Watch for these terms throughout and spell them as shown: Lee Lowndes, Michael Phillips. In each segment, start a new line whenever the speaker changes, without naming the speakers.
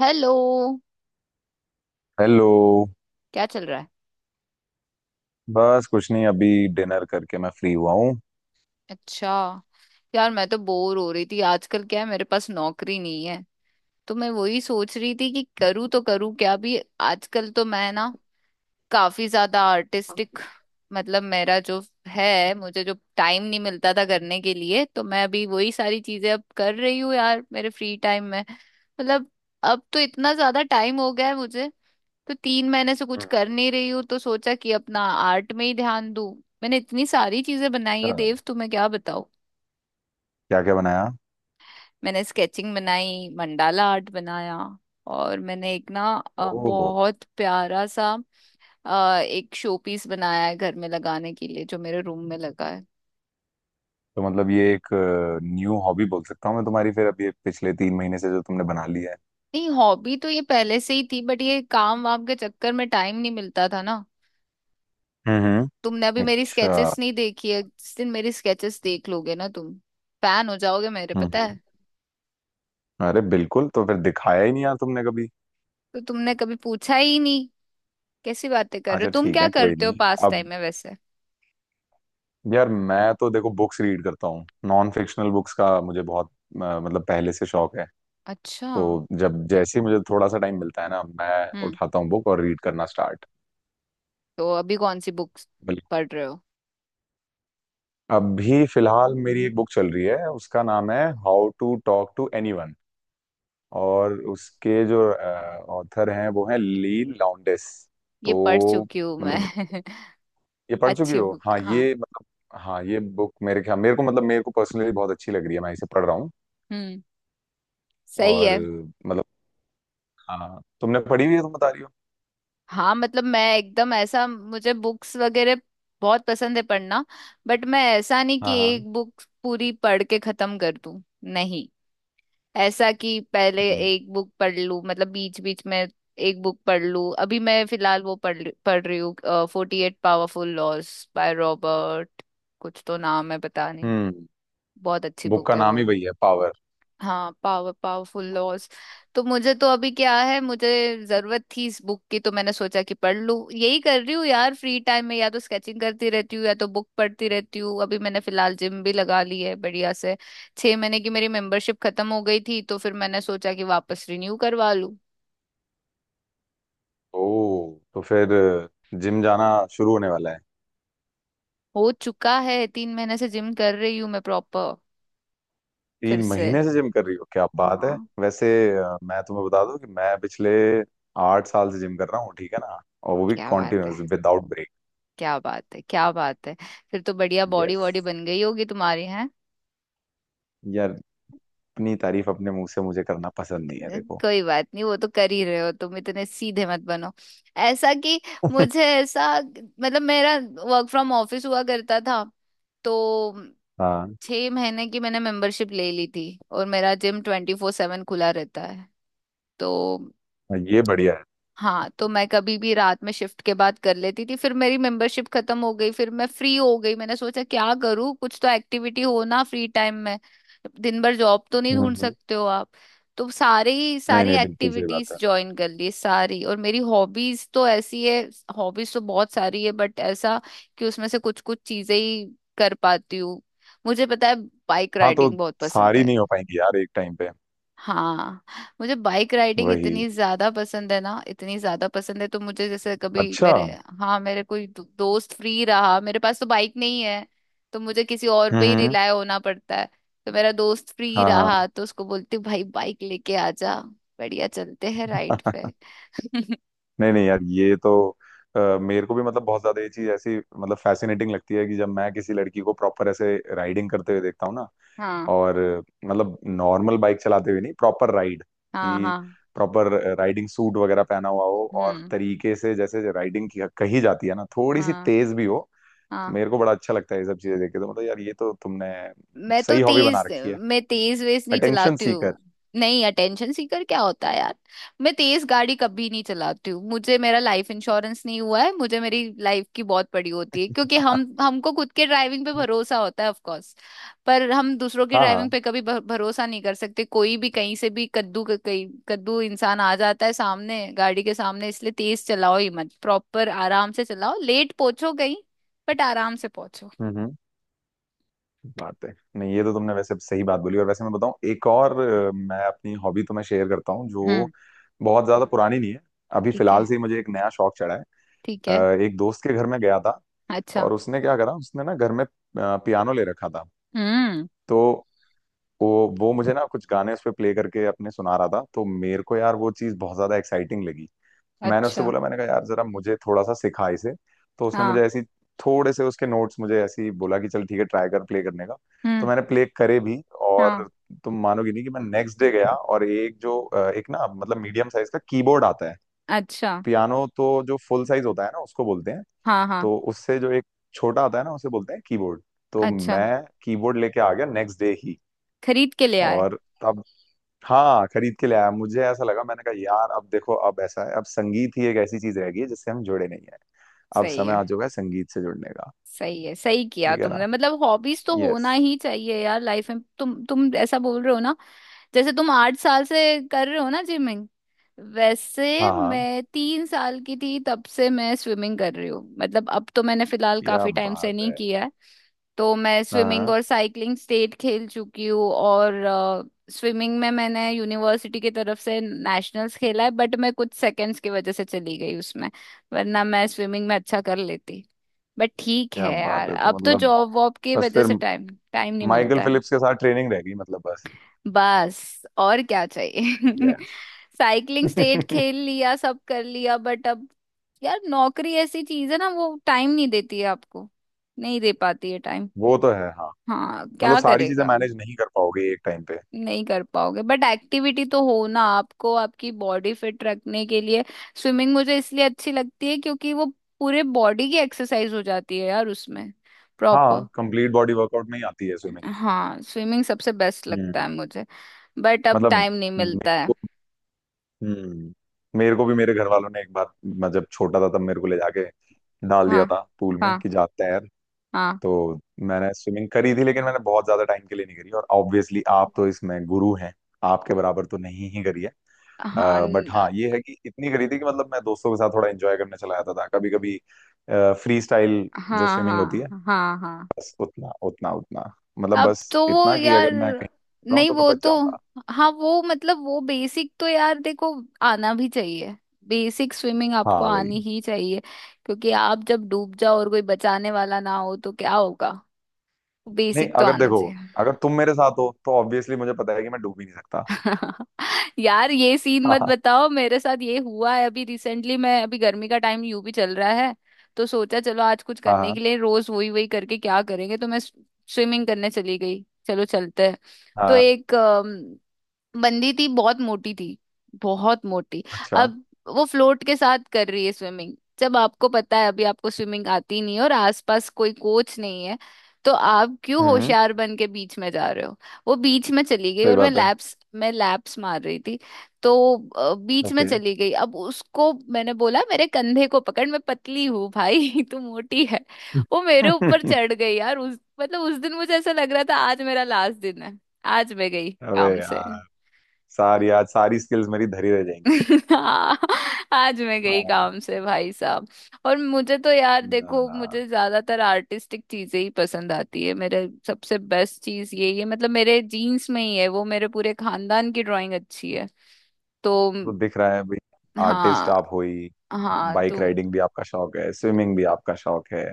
Hello.
Hello.
क्या चल रहा है?
बस कुछ नहीं अभी डिनर करके मैं फ्री हुआ हूँ।
अच्छा। यार मैं तो बोर हो रही थी, आजकल क्या है, मेरे पास नौकरी नहीं है, तो मैं वही सोच रही थी कि करूँ तो करूँ क्या भी। आजकल तो मैं ना काफी ज्यादा आर्टिस्टिक, मतलब मेरा जो है, मुझे जो टाइम नहीं मिलता था करने के लिए तो मैं अभी वही सारी चीजें अब कर रही हूँ यार मेरे फ्री टाइम में। मतलब अब तो इतना ज्यादा टाइम हो गया है मुझे तो 3 महीने से कुछ कर नहीं रही हूँ तो सोचा कि अपना आर्ट में ही ध्यान दूं। मैंने इतनी सारी चीजें बनाई है देव, तुम्हें क्या बताऊं।
क्या क्या बनाया।
मैंने स्केचिंग बनाई, मंडाला आर्ट बनाया और मैंने एक ना
ओह।
बहुत प्यारा सा एक शो पीस बनाया है घर में लगाने के लिए, जो मेरे रूम में लगा है।
तो मतलब ये एक न्यू हॉबी बोल सकता हूँ मैं तुम्हारी फिर अभी ये पिछले तीन महीने से जो तुमने बना ली है।
नहीं, हॉबी तो ये पहले से ही थी बट ये काम वाम के चक्कर में टाइम नहीं मिलता था ना।
हम्म।
तुमने अभी मेरी
अच्छा।
स्केचेस नहीं देखी है, जिस दिन मेरी स्केचेस देख लोगे ना तुम, फैन हो जाओगे मेरे,
हम्म।
पता है।
अरे बिल्कुल तो फिर दिखाया ही नहीं यार तुमने कभी।
तो तुमने कभी पूछा ही नहीं। कैसी बातें कर रहे हो,
अच्छा
तुम
ठीक
क्या
है कोई
करते हो
नहीं
पास टाइम
अब।
में वैसे?
यार मैं तो देखो बुक्स रीड करता हूँ नॉन फिक्शनल बुक्स का मुझे बहुत मतलब पहले से शौक है।
अच्छा।
तो जब जैसे ही मुझे थोड़ा सा टाइम मिलता है ना मैं
हम्म।
उठाता हूँ बुक और रीड करना स्टार्ट।
तो अभी कौन सी बुक्स पढ़ रहे हो?
अभी फिलहाल मेरी एक बुक चल रही है उसका नाम है how to talk to anyone. और उसके जो ऑथर हैं वो हैं ली लाउंडेस।
ये पढ़
तो
चुकी हूँ मैं।
मतलब ये पढ़ चुकी
अच्छी
हो
बुक,
हाँ
हाँ।
ये मतलब। हाँ ये बुक मेरे ख्याल मेरे को मतलब मेरे को पर्सनली बहुत अच्छी लग रही है मैं इसे पढ़ रहा हूँ।
हम्म। सही
और
है।
मतलब हाँ तुमने पढ़ी हुई है तुम बता रही हो।
हाँ, मतलब मैं एकदम ऐसा, मुझे बुक्स वगैरह बहुत पसंद है पढ़ना, बट मैं ऐसा नहीं कि
हाँ हाँ।
एक बुक पूरी पढ़ के खत्म कर दूं। नहीं, ऐसा कि पहले
हम्म
एक बुक पढ़ लूं, मतलब बीच बीच में एक बुक पढ़ लूं। अभी मैं फिलहाल वो पढ़ रही हूँ 48 पावरफुल लॉज बाय रॉबर्ट, कुछ तो नाम है, पता नहीं।
हम्म।
बहुत अच्छी
बुक का
बुक है
नाम
वो।
ही वही है पावर।
हाँ पावरफुल लॉज। तो मुझे तो अभी क्या है, मुझे जरूरत थी इस बुक की तो मैंने सोचा कि पढ़ लूँ, यही कर रही हूँ यार फ्री टाइम में, या तो स्केचिंग करती रहती हूँ या तो बुक पढ़ती रहती हूँ। अभी मैंने फिलहाल जिम भी लगा ली है बढ़िया से। 6 महीने की मेरी मेंबरशिप खत्म हो गई थी तो फिर मैंने सोचा कि वापस रिन्यू करवा लूँ।
ओ। तो फिर जिम जाना शुरू होने वाला है।
हो चुका है, 3 महीने से जिम कर रही हूँ मैं प्रॉपर। फिर
तीन
से,
महीने से जिम कर रही हो क्या बात है
हाँ।
वैसे। मैं तुम्हें बता दूं कि मैं पिछले आठ साल से जिम कर रहा हूँ ठीक है ना और वो भी
क्या बात है,
कॉन्टिन्यूस विदाउट ब्रेक।
क्या बात है, क्या बात है। फिर तो बढ़िया बॉडी
यस।
वॉडी बन गई होगी तुम्हारी।
यार अपनी तारीफ अपने मुंह से मुझे करना पसंद नहीं है देखो।
कोई बात नहीं, वो तो कर ही रहे हो तुम, इतने सीधे मत बनो। ऐसा कि मुझे ऐसा, मतलब मेरा वर्क फ्रॉम ऑफिस हुआ करता था तो
हाँ।
6 महीने की मैंने मेंबरशिप ले ली थी, और मेरा जिम 24/7 खुला रहता है तो,
ये बढ़िया है।
हाँ, तो मैं कभी भी रात में शिफ्ट के बाद कर लेती थी। फिर मेरी मेंबरशिप खत्म हो गई, फिर मैं फ्री हो गई, मैंने सोचा क्या करूँ, कुछ तो एक्टिविटी हो ना फ्री टाइम में। दिन भर जॉब तो नहीं
हम्म
ढूंढ
हम्म।
सकते हो आप, तो सारी
नहीं
सारी
नहीं बिल्कुल सही बात
एक्टिविटीज
है।
ज्वाइन कर ली सारी। और मेरी हॉबीज तो ऐसी है, हॉबीज तो बहुत सारी है बट ऐसा कि उसमें से कुछ कुछ चीजें ही कर पाती हूँ। मुझे पता है, बाइक
हाँ तो
राइडिंग बहुत पसंद
सारी
है।
नहीं हो पाएंगी यार एक टाइम पे।
हाँ, मुझे बाइक राइडिंग
वही
इतनी ज्यादा पसंद है ना, इतनी ज्यादा पसंद है, तो मुझे जैसे कभी
अच्छा।
मेरे,
हम्म।
हाँ मेरे कोई दोस्त फ्री रहा, मेरे पास तो बाइक नहीं है तो मुझे किसी और पे ही
हम्म,
रिलाय होना पड़ता है। तो मेरा दोस्त फ्री
हाँ
रहा
हाँ।
तो उसको बोलती हूँ, भाई बाइक लेके आ जा, बढ़िया चलते हैं राइड पे।
नहीं नहीं यार ये तो मेरे को भी मतलब बहुत ज्यादा ये चीज ऐसी मतलब फैसिनेटिंग लगती है कि जब मैं किसी लड़की को प्रॉपर ऐसे राइडिंग करते हुए देखता हूँ ना।
हाँ
और मतलब नॉर्मल बाइक चलाते हुए नहीं प्रॉपर राइड।
हाँ
कि
हाँ।
प्रॉपर राइडिंग सूट वगैरह पहना हुआ हो और
हम्म।
तरीके से जैसे राइडिंग की कही जाती है ना थोड़ी सी
हाँ।
तेज भी हो। तो
हाँ
मेरे को बड़ा अच्छा लगता है ये सब चीजें देख के तो मतलब यार ये तो तुमने
मैं तो
सही हॉबी बना
तेज
रखी है।
मैं तेज वेज नहीं
अटेंशन
चलाती
सीकर।
हूँ। नहीं, अटेंशन सीकर क्या होता है यार। मैं तेज गाड़ी कभी नहीं चलाती हूँ, मुझे मेरा लाइफ इंश्योरेंस नहीं हुआ है, मुझे मेरी लाइफ की बहुत पड़ी होती है क्योंकि हम हमको खुद के ड्राइविंग पे भरोसा होता है ऑफ कोर्स, पर हम दूसरों की ड्राइविंग
हाँ
पे कभी भरोसा नहीं कर सकते। कोई भी कहीं से भी कद्दू का कहीं कद्दू इंसान आ जाता है सामने गाड़ी के सामने, इसलिए तेज चलाओ ही मत, प्रॉपर आराम से चलाओ, लेट पहुंचो कहीं बट आराम से पहुंचो।
हाँ। बात है नहीं ये तो तुमने वैसे सही बात बोली और वैसे मैं बताऊं एक और मैं अपनी हॉबी तुम्हें शेयर करता हूँ जो
हम्म।
बहुत ज्यादा पुरानी नहीं है। अभी
ठीक
फिलहाल
है,
से ही मुझे एक नया शौक चढ़ा है।
ठीक है।
अ, एक दोस्त के घर में गया था।
अच्छा।
और उसने क्या करा उसने ना घर में पियानो ले रखा था।
हम्म।
तो वो मुझे ना कुछ गाने उस पे प्ले करके अपने सुना रहा था तो मेरे को यार वो चीज़ बहुत ज्यादा एक्साइटिंग लगी। मैंने उससे
अच्छा।
बोला मैंने कहा यार जरा मुझे थोड़ा सा सिखा इसे। तो उसने मुझे
हाँ।
ऐसी थोड़े से उसके नोट्स मुझे ऐसी बोला कि चल ठीक है ट्राई कर प्ले करने का। तो
हम्म।
मैंने प्ले करे भी।
हाँ।
और तुम मानोगी नहीं कि मैं नेक्स्ट डे गया और एक ना मतलब मीडियम साइज का कीबोर्ड आता है।
अच्छा।
पियानो तो जो फुल साइज होता है ना उसको बोलते हैं।
हाँ हाँ।
तो उससे जो एक छोटा आता है ना उसे बोलते हैं कीबोर्ड। तो
अच्छा,
मैं कीबोर्ड लेके आ गया नेक्स्ट डे ही।
खरीद के ले आए?
और तब हाँ खरीद के ले आया मुझे ऐसा लगा मैंने कहा यार अब देखो अब ऐसा है अब संगीत ही एक ऐसी चीज रह गई है जिससे हम जुड़े नहीं है। अब
सही
समय
है,
आ चुका है संगीत से जुड़ने का।
सही है। सही किया
ठीक है ना।
तुमने, मतलब हॉबीज तो होना
यस।
ही चाहिए यार लाइफ में। तुम ऐसा बोल रहे हो ना, जैसे तुम 8 साल से कर रहे हो ना जिमिंग, वैसे
हाँ हाँ
मैं 3 साल की थी तब से मैं स्विमिंग कर रही हूँ। मतलब अब तो मैंने फिलहाल
क्या
काफी टाइम से
बात
नहीं
है।
किया है। तो मैं
हाँ
स्विमिंग
हाँ,
और साइकिलिंग स्टेट खेल चुकी हूँ, और स्विमिंग में मैंने यूनिवर्सिटी की तरफ से नेशनल्स खेला है बट मैं कुछ सेकंड्स की वजह से चली गई उसमें, वरना मैं स्विमिंग में अच्छा कर लेती। बट ठीक
क्या
है
बात
यार,
है तो
अब तो
मतलब
जॉब वॉब की
बस
वजह
फिर
से टाइम, टाइम नहीं
माइकल
मिलता है।
फिलिप्स के साथ ट्रेनिंग रह गई मतलब बस।
बस और क्या चाहिए।
यस।
साइकिलिंग स्टेट खेल लिया, सब कर लिया बट अब यार नौकरी ऐसी चीज है ना, वो टाइम नहीं देती है आपको, नहीं दे पाती है टाइम।
वो तो है हाँ।
हाँ,
मतलब
क्या
सारी चीजें
करेगा।
मैनेज नहीं कर पाओगे एक टाइम पे।
नहीं कर पाओगे, बट एक्टिविटी तो हो ना आपको आपकी बॉडी फिट रखने के लिए। स्विमिंग मुझे इसलिए अच्छी लगती है क्योंकि वो पूरे बॉडी की एक्सरसाइज हो जाती है यार उसमें,
हाँ
प्रॉपर।
कंप्लीट बॉडी वर्कआउट में ही आती है स्विमिंग।
हाँ स्विमिंग सबसे बेस्ट
हम्म।
लगता है मुझे। बट अब
मतलब
टाइम नहीं मिलता है।
हम्म मेरे को भी मेरे घर वालों ने एक बार मैं जब छोटा था तब मेरे को ले जाके डाल
हाँ
दिया था पूल में
हाँ
कि जा तैर।
हाँ
तो मैंने स्विमिंग करी थी लेकिन मैंने बहुत ज्यादा टाइम के लिए नहीं करी और ऑब्वियसली आप तो इसमें गुरु हैं आपके बराबर तो नहीं ही करी है।
हाँ।
बट हाँ ये है कि इतनी करी थी कि मतलब मैं दोस्तों के साथ थोड़ा एंजॉय करने चला जाता था कभी कभी फ्री स्टाइल जो
हाँ
स्विमिंग होती
हाँ
है
हाँ हाँ।
बस उतना उतना उतना मतलब
अब
बस
तो वो
इतना कि
यार,
अगर मैं कहीं जाऊँ
नहीं
तो मैं
वो
बच
तो,
जाऊंगा।
हाँ वो मतलब वो बेसिक तो यार देखो, आना भी चाहिए, बेसिक स्विमिंग आपको
हाँ वही।
आनी ही चाहिए। क्योंकि आप जब डूब जाओ और कोई बचाने वाला ना हो तो क्या होगा,
नहीं
बेसिक तो
अगर
आना
देखो
चाहिए।
अगर तुम मेरे साथ हो तो ऑब्वियसली मुझे पता है कि मैं डूब ही नहीं सकता।
यार ये सीन मत
हाँ
बताओ, मेरे साथ ये हुआ है अभी रिसेंटली। मैं अभी, गर्मी का टाइम यूं भी चल रहा है तो सोचा चलो आज कुछ
हाँ
करने
हाँ
के लिए, रोज वही वही करके क्या करेंगे, तो मैं स्विमिंग करने चली गई। चलो चलते हैं, तो
हाँ,
एक बंदी थी, बहुत मोटी थी, बहुत मोटी।
अच्छा।
अब वो फ्लोट के साथ कर रही है स्विमिंग। जब आपको पता है अभी आपको स्विमिंग आती नहीं है और आसपास कोई कोच नहीं है, तो आप क्यों
हम्म।
होशियार बन के बीच में जा रहे हो। वो बीच में चली गई
सही
और मैं
बात है।
लैप्स मैं लैप्स मार रही थी तो बीच में
ओके।
चली गई। अब उसको मैंने बोला मेरे कंधे को पकड़, मैं पतली हूँ भाई तू मोटी है। वो मेरे ऊपर चढ़ गई यार, उस दिन मुझे ऐसा लग रहा था आज मेरा लास्ट दिन है, आज मैं गई
अबे
काम से।
यार सारी स्किल्स मेरी धरी रह जाएंगी।
हाँ, आज मैं गई
हाँ।
काम से भाई साहब। और मुझे तो यार
ना
देखो,
ना
मुझे ज्यादातर आर्टिस्टिक चीजें ही पसंद आती है, मेरे सबसे बेस्ट चीज यही है, मतलब मेरे जीन्स में ही है वो, मेरे पूरे खानदान की ड्राइंग अच्छी है तो।
तो दिख रहा है भाई आर्टिस्ट
हाँ
आप हो ही।
हाँ।
बाइक
तो
राइडिंग भी आपका शौक है स्विमिंग भी आपका शौक है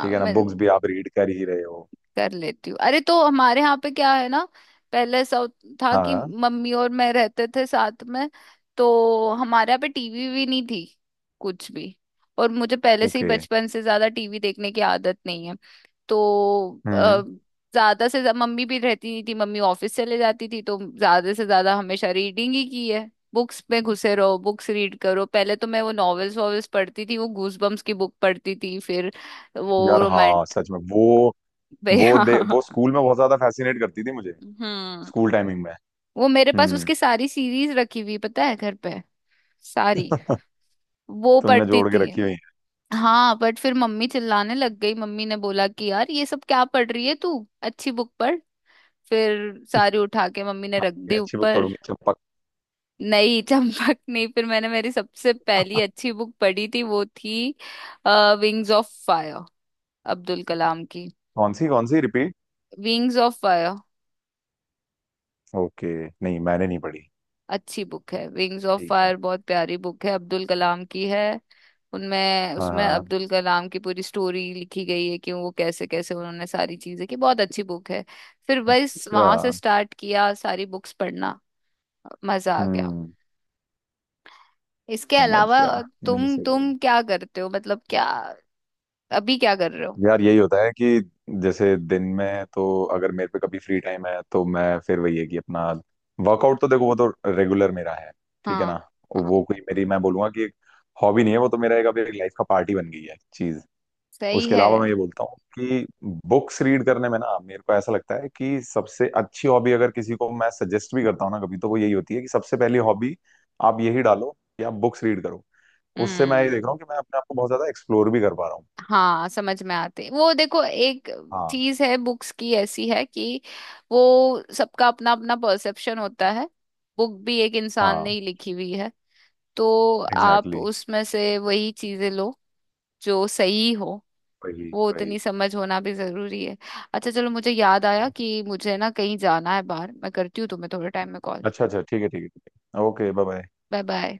ठीक है ना
मैं
बुक्स भी आप रीड कर ही रहे हो।
कर लेती हूँ। अरे, तो हमारे यहाँ पे क्या है ना, पहले ऐसा था कि
हाँ।
मम्मी और मैं रहते थे साथ में, तो हमारे यहाँ पे टीवी भी नहीं थी, कुछ भी। और मुझे पहले से ही
ओके।
बचपन से ज्यादा टीवी देखने की आदत नहीं है तो
हम्म।
ज्यादा से ज्यादा मम्मी भी रहती नहीं थी, मम्मी ऑफिस चले जाती थी, तो ज्यादा से ज्यादा हमेशा रीडिंग ही की है, बुक्स में घुसे रहो, बुक्स रीड करो। पहले तो मैं वो नॉवेल्स वॉवेल्स पढ़ती थी, वो गूजबम्स की बुक पढ़ती थी, फिर वो
यार हाँ
रोमांट
सच में वो दे वो
हाँ।
स्कूल में बहुत ज्यादा फैसिनेट करती थी मुझे।
हम्म।
स्कूल टाइमिंग में।
वो मेरे पास
हम्म।
उसकी सारी सीरीज रखी हुई, पता है, घर पे सारी वो
तुमने
पढ़ती
जोड़ के
थी।
रखी हुई
हाँ, बट फिर मम्मी चिल्लाने लग गई, मम्मी ने बोला कि यार ये सब क्या पढ़ रही है तू, अच्छी बुक पढ़, फिर
है।
सारी उठा के मम्मी ने
हाँ,
रख
मैं
दी
अच्छी बुक
ऊपर।
पढ़ूंगी चंपक।
नहीं चंपक नहीं, फिर मैंने मेरी सबसे पहली अच्छी बुक पढ़ी थी वो थी wings of fire, Abdul Kalam की।
कौन सी कौन सी, repeat.
Wings of fire.
Okay. नहीं मैंने नहीं पढ़ी।
अच्छी बुक है विंग्स ऑफ
ठीक है।
फायर, बहुत प्यारी बुक है, अब्दुल कलाम की है। उनमें
हाँ
उसमें
हाँ।
अब्दुल कलाम की पूरी स्टोरी लिखी गई है कि वो कैसे कैसे उन्होंने सारी चीजें की, बहुत अच्छी बुक है। फिर बस
अच्छा।
वहां से स्टार्ट किया सारी बुक्स पढ़ना, मजा आ गया।
हम्म।
इसके
समझ
अलावा
गया। नहीं
तुम
सही है।
तुम क्या करते हो, मतलब क्या अभी क्या कर रहे हो?
यार यही होता है कि जैसे दिन में तो अगर मेरे पे कभी फ्री टाइम है तो मैं फिर वही है कि अपना वर्कआउट तो देखो वो तो रेगुलर मेरा है ठीक है ना।
हाँ हाँ।
वो कोई मेरी मैं बोलूंगा कि एक हॉबी नहीं है वो तो मेरा एक अब एक लाइफ का पार्ट ही बन गई है चीज।
सही
उसके
है।
अलावा मैं ये बोलता हूँ कि बुक्स रीड करने में ना मेरे को ऐसा लगता है कि सबसे अच्छी हॉबी अगर किसी को मैं सजेस्ट भी करता हूँ ना कभी तो वो यही होती है कि सबसे पहली हॉबी आप यही डालो कि आप बुक्स रीड करो। उससे मैं ये देख रहा
हम्म।
हूँ कि मैं अपने आप को बहुत ज्यादा एक्सप्लोर भी कर पा रहा हूँ।
हाँ समझ में आते हैं। वो देखो, एक
हाँ
चीज है बुक्स की ऐसी है कि वो सबका अपना अपना परसेप्शन होता है, बुक भी एक इंसान
हाँ
ने ही लिखी हुई है, तो आप
एग्जैक्टली।
उसमें से वही चीजें लो जो सही हो,
वही
वो
वही
उतनी समझ होना भी जरूरी है। अच्छा चलो, मुझे याद आया
वही।
कि मुझे ना कहीं जाना है बाहर, मैं करती हूँ तुम्हें थोड़े टाइम में कॉल।
अच्छा अच्छा ठीक है ठीक है ठीक है okay bye bye.
Bye bye.